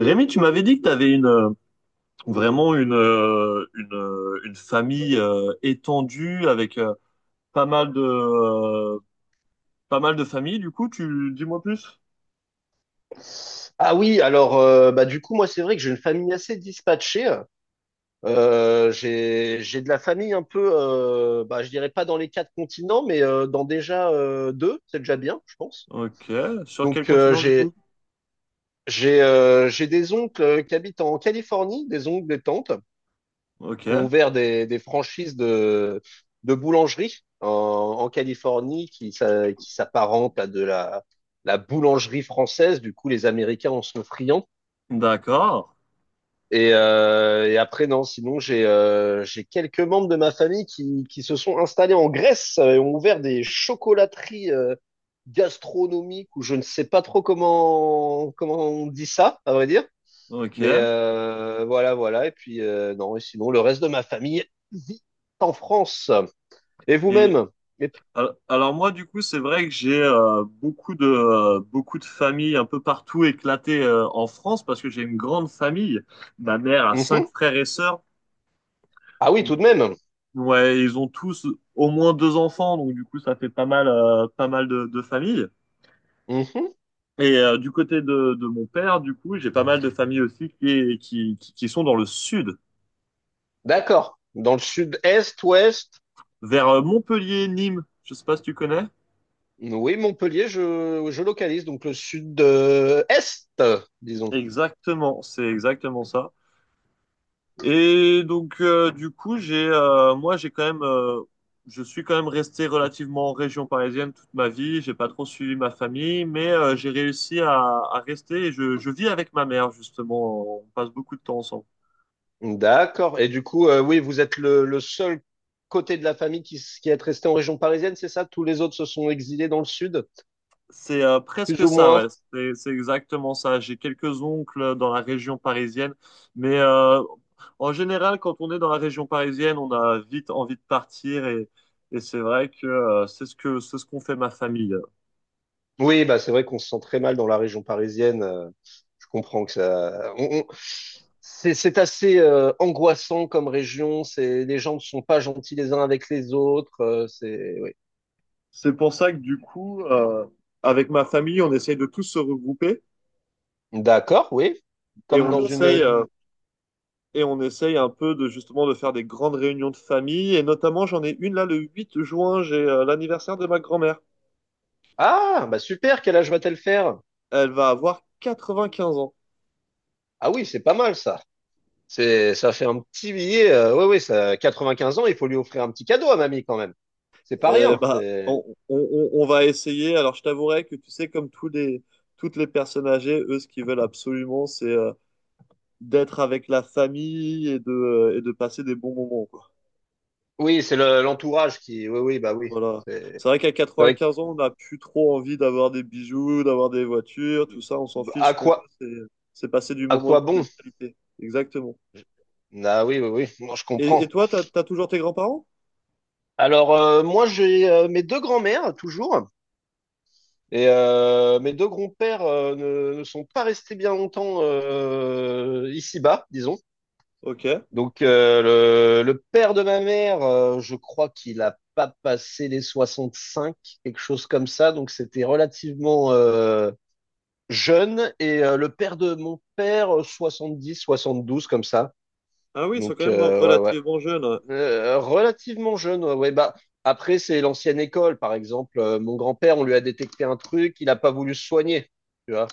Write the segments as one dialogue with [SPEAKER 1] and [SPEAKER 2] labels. [SPEAKER 1] Rémi, tu m'avais dit que tu avais vraiment une famille étendue avec pas mal de, euh, pas mal de familles. Du coup, tu dis-moi plus.
[SPEAKER 2] Ah oui, alors bah du coup moi c'est vrai que j'ai une famille assez dispatchée. J'ai de la famille un peu, bah je dirais pas dans les quatre continents, mais dans déjà deux, c'est déjà bien, je pense.
[SPEAKER 1] Ok. Sur quel
[SPEAKER 2] Donc euh,
[SPEAKER 1] continent, du
[SPEAKER 2] j'ai
[SPEAKER 1] coup?
[SPEAKER 2] j'ai euh, j'ai des oncles qui habitent en Californie, des oncles, des tantes
[SPEAKER 1] Ok.
[SPEAKER 2] qui ont ouvert des franchises de boulangerie en Californie qui s'apparentent à de la boulangerie française. Du coup les Américains en sont friands.
[SPEAKER 1] D'accord.
[SPEAKER 2] Et après, non, sinon, j'ai quelques membres de ma famille qui se sont installés en Grèce et ont ouvert des chocolateries gastronomiques ou je ne sais pas trop comment on dit ça, à vrai dire.
[SPEAKER 1] Ok.
[SPEAKER 2] Mais voilà, voilà. Et puis, non, et sinon, le reste de ma famille vit en France. Et
[SPEAKER 1] Et
[SPEAKER 2] vous-même? Et-
[SPEAKER 1] alors moi, du coup, c'est vrai que j'ai beaucoup de familles un peu partout éclatées en France parce que j'ai une grande famille. Ma mère a cinq
[SPEAKER 2] Mhm.
[SPEAKER 1] frères et sœurs.
[SPEAKER 2] Ah oui, tout de même.
[SPEAKER 1] Ouais, ils ont tous au moins deux enfants, donc du coup ça fait pas mal de, familles.
[SPEAKER 2] Mhm.
[SPEAKER 1] Et du côté de mon père, du coup, j'ai pas mal de familles aussi qui, est- qui sont dans le sud,
[SPEAKER 2] D'accord. Dans le sud-est, ouest,
[SPEAKER 1] vers Montpellier, Nîmes. Je sais pas si tu connais.
[SPEAKER 2] Oui, Montpellier, je localise, donc le sud-est, disons.
[SPEAKER 1] Exactement, c'est exactement ça. Et donc, du coup, moi, je suis quand même resté relativement en région parisienne toute ma vie. J'ai pas trop suivi ma famille, mais j'ai réussi à rester. Et je vis avec ma mère justement. On passe beaucoup de temps ensemble.
[SPEAKER 2] D'accord. Et du coup, oui, vous êtes le seul côté de la famille qui est resté en région parisienne, c'est ça? Tous les autres se sont exilés dans le sud,
[SPEAKER 1] C'est
[SPEAKER 2] plus
[SPEAKER 1] presque
[SPEAKER 2] ou
[SPEAKER 1] ça, ouais.
[SPEAKER 2] moins?
[SPEAKER 1] C'est exactement ça. J'ai quelques oncles dans la région parisienne, mais en général, quand on est dans la région parisienne, on a vite envie de partir et c'est vrai que c'est ce qu'on fait ma famille.
[SPEAKER 2] Oui, bah c'est vrai qu'on se sent très mal dans la région parisienne. Je comprends que ça. C'est assez angoissant comme région. C'est les gens ne sont pas gentils les uns avec les autres. C'est oui.
[SPEAKER 1] C'est pour ça que du coup, avec ma famille, on essaye de tous se regrouper
[SPEAKER 2] D'accord, oui.
[SPEAKER 1] et
[SPEAKER 2] Comme
[SPEAKER 1] on
[SPEAKER 2] dans
[SPEAKER 1] essaye euh,
[SPEAKER 2] une,
[SPEAKER 1] et on essaye un peu de justement de faire des grandes réunions de famille. Et notamment, j'en ai une là le 8 juin, j'ai l'anniversaire de ma grand-mère.
[SPEAKER 2] Ah, bah super, quel âge va-t-elle faire?
[SPEAKER 1] Elle va avoir 95 ans.
[SPEAKER 2] Ah oui, c'est pas mal ça. C'est, ça fait un petit billet. Oui, oui, ça, 95 ans, il faut lui offrir un petit cadeau à mamie quand même. C'est pas
[SPEAKER 1] Et
[SPEAKER 2] rien.
[SPEAKER 1] bah, on va essayer. Alors, je t'avouerai que tu sais, comme tous les toutes les personnes âgées, eux, ce qu'ils veulent absolument, c'est d'être avec la famille et de passer des bons moments.
[SPEAKER 2] Oui, c'est l'entourage qui. Oui, oui, bah oui.
[SPEAKER 1] Voilà.
[SPEAKER 2] C'est
[SPEAKER 1] C'est vrai qu'à
[SPEAKER 2] c'est vrai que,
[SPEAKER 1] 95 ans, on n'a plus trop envie d'avoir des bijoux, d'avoir des voitures, tout ça, on s'en fiche. Ce
[SPEAKER 2] à
[SPEAKER 1] qu'on veut,
[SPEAKER 2] quoi,
[SPEAKER 1] c'est passer du
[SPEAKER 2] à
[SPEAKER 1] moment
[SPEAKER 2] quoi bon?
[SPEAKER 1] de qualité. Exactement.
[SPEAKER 2] Ah oui, oui, oui. Moi, je
[SPEAKER 1] Et
[SPEAKER 2] comprends.
[SPEAKER 1] toi, t'as toujours tes grands-parents?
[SPEAKER 2] Alors, moi, j'ai mes deux grands-mères toujours, et mes deux grands-pères ne sont pas restés bien longtemps ici-bas, disons.
[SPEAKER 1] Ok.
[SPEAKER 2] Donc, le père de ma mère, je crois qu'il a pas passé les 65, quelque chose comme ça. Donc, c'était relativement jeune. Et le père de mon père, 70, 72, comme ça.
[SPEAKER 1] Ah oui, ils sont quand
[SPEAKER 2] Donc,
[SPEAKER 1] même
[SPEAKER 2] ouais, ouais.
[SPEAKER 1] relativement jeunes. Ouais.
[SPEAKER 2] Relativement jeune, ouais, ouais. Bah, après, c'est l'ancienne école, par exemple. Mon grand-père, on lui a détecté un truc, il n'a pas voulu se soigner. Tu vois,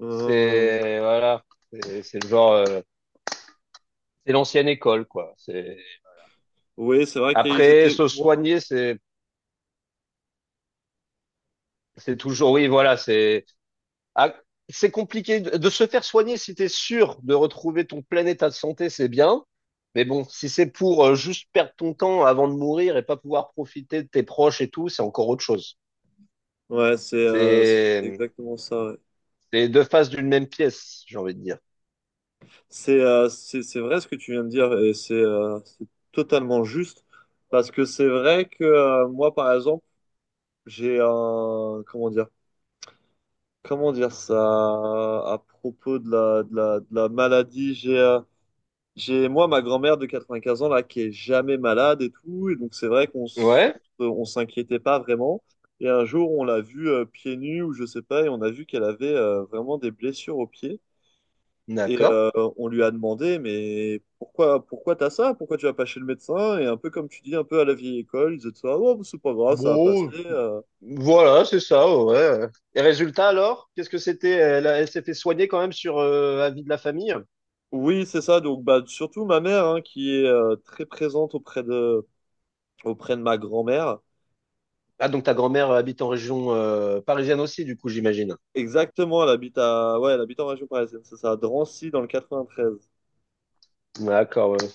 [SPEAKER 1] Euh,
[SPEAKER 2] c'est, voilà, c'est le genre, c'est l'ancienne école, quoi. C'est.
[SPEAKER 1] oui, c'est vrai qu'ils
[SPEAKER 2] Après,
[SPEAKER 1] étaient.
[SPEAKER 2] se soigner, c'est toujours oui, voilà, c'est ah, c'est compliqué de se faire soigner si t'es sûr de retrouver ton plein état de santé, c'est bien. Mais bon, si c'est pour juste perdre ton temps avant de mourir et pas pouvoir profiter de tes proches et tout, c'est encore autre chose.
[SPEAKER 1] Ouais, c'est
[SPEAKER 2] C'est
[SPEAKER 1] exactement ça. Ouais.
[SPEAKER 2] c'est deux faces d'une même pièce, j'ai envie de dire.
[SPEAKER 1] C'est vrai ce que tu viens de dire et c'est totalement juste parce que c'est vrai que moi, par exemple, j'ai un comment dire ça à propos de la, de la maladie. J'ai moi ma grand-mère de 95 ans là qui est jamais malade et tout, et donc c'est vrai
[SPEAKER 2] Ouais,
[SPEAKER 1] on s'inquiétait pas vraiment. Et un jour on l'a vue pieds nus ou je sais pas, et on a vu qu'elle avait vraiment des blessures aux pieds. Et
[SPEAKER 2] d'accord.
[SPEAKER 1] on lui a demandé, mais pourquoi t'as ça? Pourquoi tu vas pas chez le médecin? Et un peu comme tu dis, un peu à la vieille école, ils étaient ça, oh, c'est pas grave, ça va passer.
[SPEAKER 2] Bon, voilà, c'est ça, ouais. Et résultat alors, qu'est-ce que c'était? Elle s'est fait soigner quand même sur avis de la famille?
[SPEAKER 1] Oui, c'est ça. Donc, bah, surtout ma mère, hein, qui est très présente auprès de ma grand-mère.
[SPEAKER 2] Ah, donc ta grand-mère habite en région parisienne aussi, du coup, j'imagine.
[SPEAKER 1] Exactement, elle habite ouais, elle habite en région parisienne, c'est ça, à Drancy, dans le 93.
[SPEAKER 2] D'accord, ouais.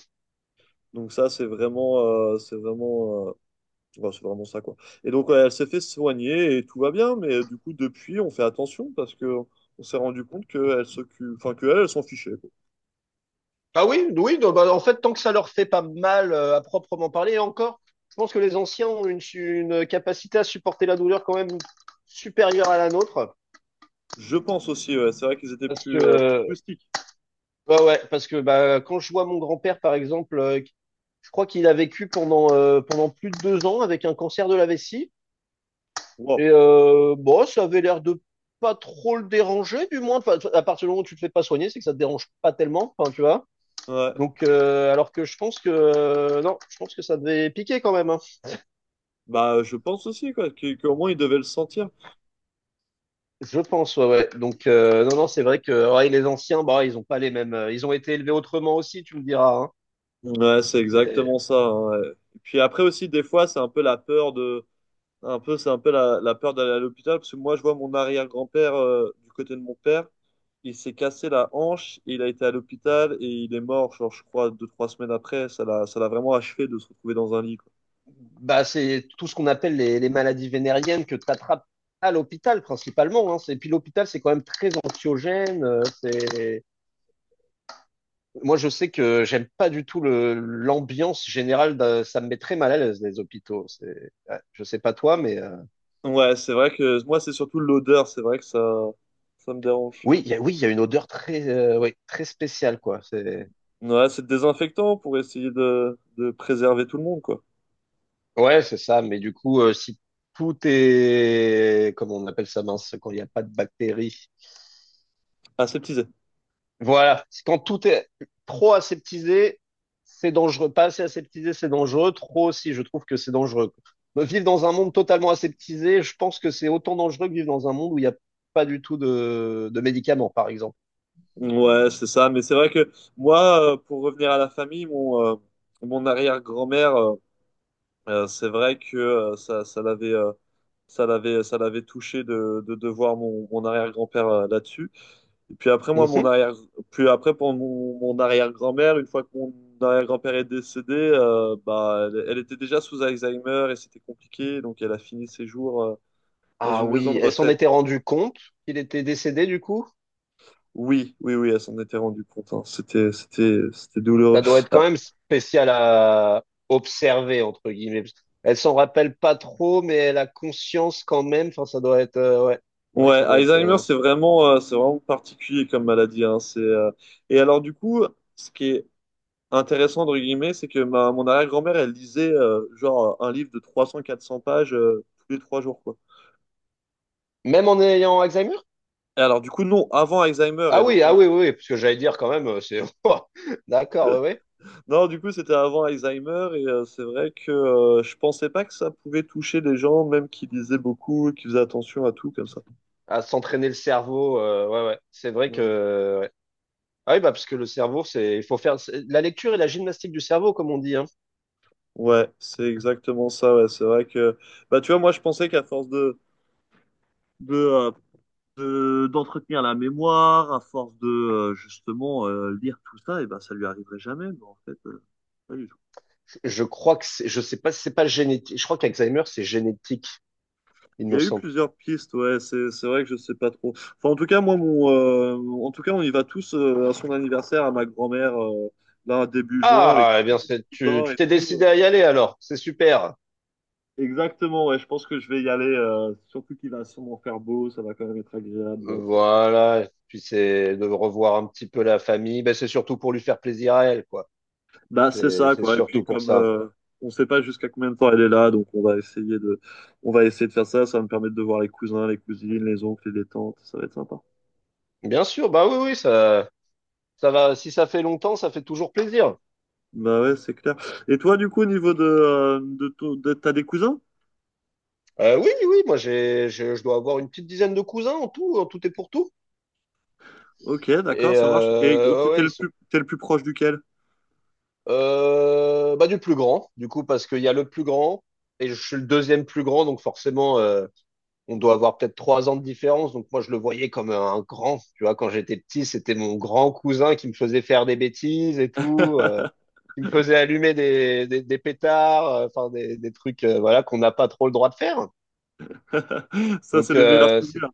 [SPEAKER 1] Donc ça, c'est vraiment ça, quoi. Et donc, ouais, elle s'est fait soigner et tout va bien, mais du coup, depuis, on fait attention parce que on s'est rendu compte qu'elle s'occupe, enfin, elle s'en fichait, quoi.
[SPEAKER 2] Ah oui, oui, non, bah, en fait, tant que ça leur fait pas mal à proprement parler, et encore, je pense que les anciens ont une capacité à supporter la douleur quand même supérieure à la nôtre.
[SPEAKER 1] Je pense aussi, ouais, c'est vrai qu'ils étaient
[SPEAKER 2] Parce que,
[SPEAKER 1] plus rustiques.
[SPEAKER 2] bah ouais, parce que bah, quand je vois mon grand-père, par exemple, je crois qu'il a vécu pendant plus de 2 ans avec un cancer de la vessie.
[SPEAKER 1] Wow.
[SPEAKER 2] Et bon, ça avait l'air de pas trop le déranger, du moins. Enfin, à partir du moment où tu te fais pas soigner, c'est que ça te dérange pas tellement, enfin, tu vois.
[SPEAKER 1] Ouais.
[SPEAKER 2] Donc, alors que je pense que non, je pense que ça devait piquer quand même. Hein.
[SPEAKER 1] Bah, je pense aussi, quoi, qu'au moins, ils devaient le sentir.
[SPEAKER 2] Je pense, ouais, ouais. Donc, non, non, c'est vrai que ouais, les anciens, bah, ils ont pas les mêmes. Ils ont été élevés autrement aussi, tu me diras. Hein.
[SPEAKER 1] Ouais, c'est
[SPEAKER 2] C'est,
[SPEAKER 1] exactement ça. Hein, ouais. Et puis après aussi, des fois, c'est un peu la peur d'aller à l'hôpital parce que moi, je vois mon arrière-grand-père du côté de mon père, il s'est cassé la hanche, il a été à l'hôpital et il est mort, genre je crois 2-3 semaines après. Ça l'a vraiment achevé de se retrouver dans un lit, quoi.
[SPEAKER 2] bah, c'est tout ce qu'on appelle les maladies vénériennes que tu attrapes à l'hôpital principalement. Hein. Et puis l'hôpital, c'est quand même très anxiogène. C'est Moi, je sais que j'aime pas du tout l'ambiance générale. Ça me met très mal à l'aise, les hôpitaux. C'est, ouais, je sais pas toi, mais
[SPEAKER 1] Ouais, c'est vrai que moi, c'est surtout l'odeur, c'est vrai que ça me dérange.
[SPEAKER 2] oui, il y a, oui, il y a une odeur très, oui, très spéciale, quoi. C'est,
[SPEAKER 1] Ouais, c'est désinfectant pour essayer de préserver tout le monde, quoi.
[SPEAKER 2] ouais, c'est ça. Mais du coup, si tout est, comment on appelle ça, mince, quand il n'y a pas de bactéries,
[SPEAKER 1] Aseptisé.
[SPEAKER 2] Voilà, c'est quand tout est trop aseptisé, c'est dangereux. Pas assez aseptisé, c'est dangereux. Trop aussi, je trouve que c'est dangereux. Bah, vivre dans un monde totalement aseptisé, je pense que c'est autant dangereux que vivre dans un monde où il n'y a pas du tout de médicaments, par exemple.
[SPEAKER 1] Ouais, c'est ça. Mais c'est vrai que moi, pour revenir à la famille, mon arrière-grand-mère, c'est vrai que ça l'avait touché de, de voir mon arrière-grand-père là-dessus. Et puis après, moi,
[SPEAKER 2] Mhm.
[SPEAKER 1] puis après, pour mon arrière-grand-mère, une fois que mon arrière-grand-père est décédé, bah, elle était déjà sous Alzheimer et c'était compliqué. Donc, elle a fini ses jours, dans
[SPEAKER 2] Ah
[SPEAKER 1] une maison
[SPEAKER 2] oui,
[SPEAKER 1] de
[SPEAKER 2] elle s'en
[SPEAKER 1] retraite.
[SPEAKER 2] était rendue compte qu'il était décédé du coup.
[SPEAKER 1] Oui, oui, oui, elle s'en était rendue compte. Hein. C'était douloureux.
[SPEAKER 2] Ça doit être quand même spécial à observer, entre guillemets. Elle s'en rappelle pas trop, mais elle a conscience quand même. Enfin, ça doit être, ouais. C'est vrai que
[SPEAKER 1] Ouais,
[SPEAKER 2] ça doit
[SPEAKER 1] Alzheimer,
[SPEAKER 2] être.
[SPEAKER 1] c'est vraiment particulier comme maladie. Hein. Et alors, du coup, ce qui est intéressant, entre guillemets, c'est que mon arrière-grand-mère, elle lisait genre un livre de 300-400 pages tous les 3 jours, quoi.
[SPEAKER 2] Même en ayant Alzheimer?
[SPEAKER 1] Et alors, du coup, non, avant Alzheimer.
[SPEAKER 2] Ah oui, ah oui, oui, oui, parce que j'allais dire quand même, c'est Ouah, d'accord, oui, oui.
[SPEAKER 1] Non, du coup, c'était avant Alzheimer. Et c'est vrai que je pensais pas que ça pouvait toucher des gens, même qui lisaient beaucoup, qui faisaient attention à tout, comme ça.
[SPEAKER 2] À s'entraîner le cerveau, ouais, ouais. C'est vrai
[SPEAKER 1] Ouais,
[SPEAKER 2] que, ouais. Ah oui, bah parce que le cerveau, c'est, il faut faire la lecture et la gymnastique du cerveau, comme on dit, hein.
[SPEAKER 1] Ouais, c'est exactement ça. Ouais. C'est vrai que, bah, tu vois, moi, je pensais qu'à force de de euh, d'entretenir la mémoire, à force de justement lire tout ça, et ben ça lui arriverait jamais, mais en fait, pas du tout.
[SPEAKER 2] Je crois que c'est, je sais pas, si c'est pas génétique. Je crois qu'Alzheimer, c'est génétique, il
[SPEAKER 1] Il y
[SPEAKER 2] me
[SPEAKER 1] a eu
[SPEAKER 2] semble.
[SPEAKER 1] plusieurs pistes, ouais, c'est vrai que je sais pas trop. Enfin, en tout cas, moi, en tout cas, on y va tous à son anniversaire, à ma grand-mère, là, début juin, avec
[SPEAKER 2] Ah, eh
[SPEAKER 1] tous
[SPEAKER 2] bien,
[SPEAKER 1] les
[SPEAKER 2] c'est,
[SPEAKER 1] petits
[SPEAKER 2] tu,
[SPEAKER 1] bains
[SPEAKER 2] tu
[SPEAKER 1] et
[SPEAKER 2] t'es
[SPEAKER 1] tout.
[SPEAKER 2] décidé à y aller alors, c'est super.
[SPEAKER 1] Exactement, ouais, je pense que je vais y aller, surtout qu'il va sûrement faire beau, ça va quand même être agréable.
[SPEAKER 2] Voilà, puis c'est de revoir un petit peu la famille. Ben, c'est surtout pour lui faire plaisir à elle, quoi.
[SPEAKER 1] Bah, c'est
[SPEAKER 2] C'est
[SPEAKER 1] ça,
[SPEAKER 2] c'est
[SPEAKER 1] quoi. Et puis,
[SPEAKER 2] surtout pour
[SPEAKER 1] comme
[SPEAKER 2] ça.
[SPEAKER 1] on sait pas jusqu'à combien de temps elle est là, donc on va on va essayer de faire ça. Ça va me permettre de voir les cousins, les cousines, les oncles et les tantes. Ça va être sympa.
[SPEAKER 2] Bien sûr, bah oui, oui, ça va. Si ça fait longtemps, ça fait toujours plaisir.
[SPEAKER 1] Bah ouais, c'est clair. Et toi, du coup, au niveau t'as des cousins?
[SPEAKER 2] Oui, oui, moi j'ai, je dois avoir une petite dizaine de cousins en tout et pour tout.
[SPEAKER 1] Ok,
[SPEAKER 2] Et
[SPEAKER 1] d'accord, ça marche. Et
[SPEAKER 2] ouais,
[SPEAKER 1] t'es
[SPEAKER 2] ouais, ils sont.
[SPEAKER 1] le plus proche duquel?
[SPEAKER 2] Bah du plus grand, du coup, parce qu'il y a le plus grand et je suis le deuxième plus grand, donc forcément, on doit avoir peut-être 3 ans de différence. Donc moi, je le voyais comme un grand. Tu vois, quand j'étais petit, c'était mon grand cousin qui me faisait faire des bêtises et tout, qui me faisait allumer des pétards, enfin des trucs, voilà, qu'on n'a pas trop le droit de faire.
[SPEAKER 1] Ça, c'est
[SPEAKER 2] Donc
[SPEAKER 1] les meilleurs souvenirs.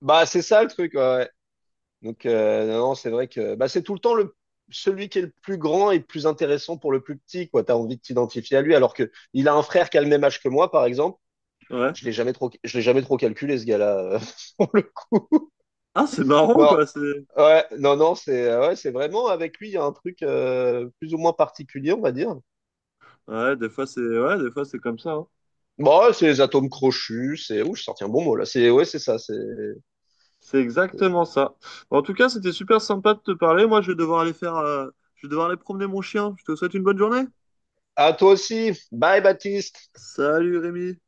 [SPEAKER 2] bah c'est ça le truc. Ouais. Ouais. Donc non, non, c'est vrai que bah c'est tout le temps le celui qui est le plus grand et le plus intéressant pour le plus petit. Quoi, t'as envie de t'identifier à lui, alors que il a un frère qui a le même âge que moi, par exemple.
[SPEAKER 1] Ouais.
[SPEAKER 2] Je l'ai jamais trop calculé ce gars-là.
[SPEAKER 1] Ah, c'est marrant,
[SPEAKER 2] Non,
[SPEAKER 1] quoi.
[SPEAKER 2] ouais, non, non, c'est ouais, c'est vraiment avec lui, il y a un truc plus ou moins particulier, on va dire.
[SPEAKER 1] Ouais, des fois, ouais, des fois, c'est comme ça. Hein.
[SPEAKER 2] Bon, ouais, c'est les atomes crochus, c'est. Ouh, j'ai sorti un bon mot là. C'est ouais, c'est ça. C'est.
[SPEAKER 1] C'est exactement ça. En tout cas, c'était super sympa de te parler. Moi, je vais devoir aller promener mon chien. Je te souhaite une bonne journée.
[SPEAKER 2] À toi aussi. Bye, Baptiste.
[SPEAKER 1] Salut Rémi.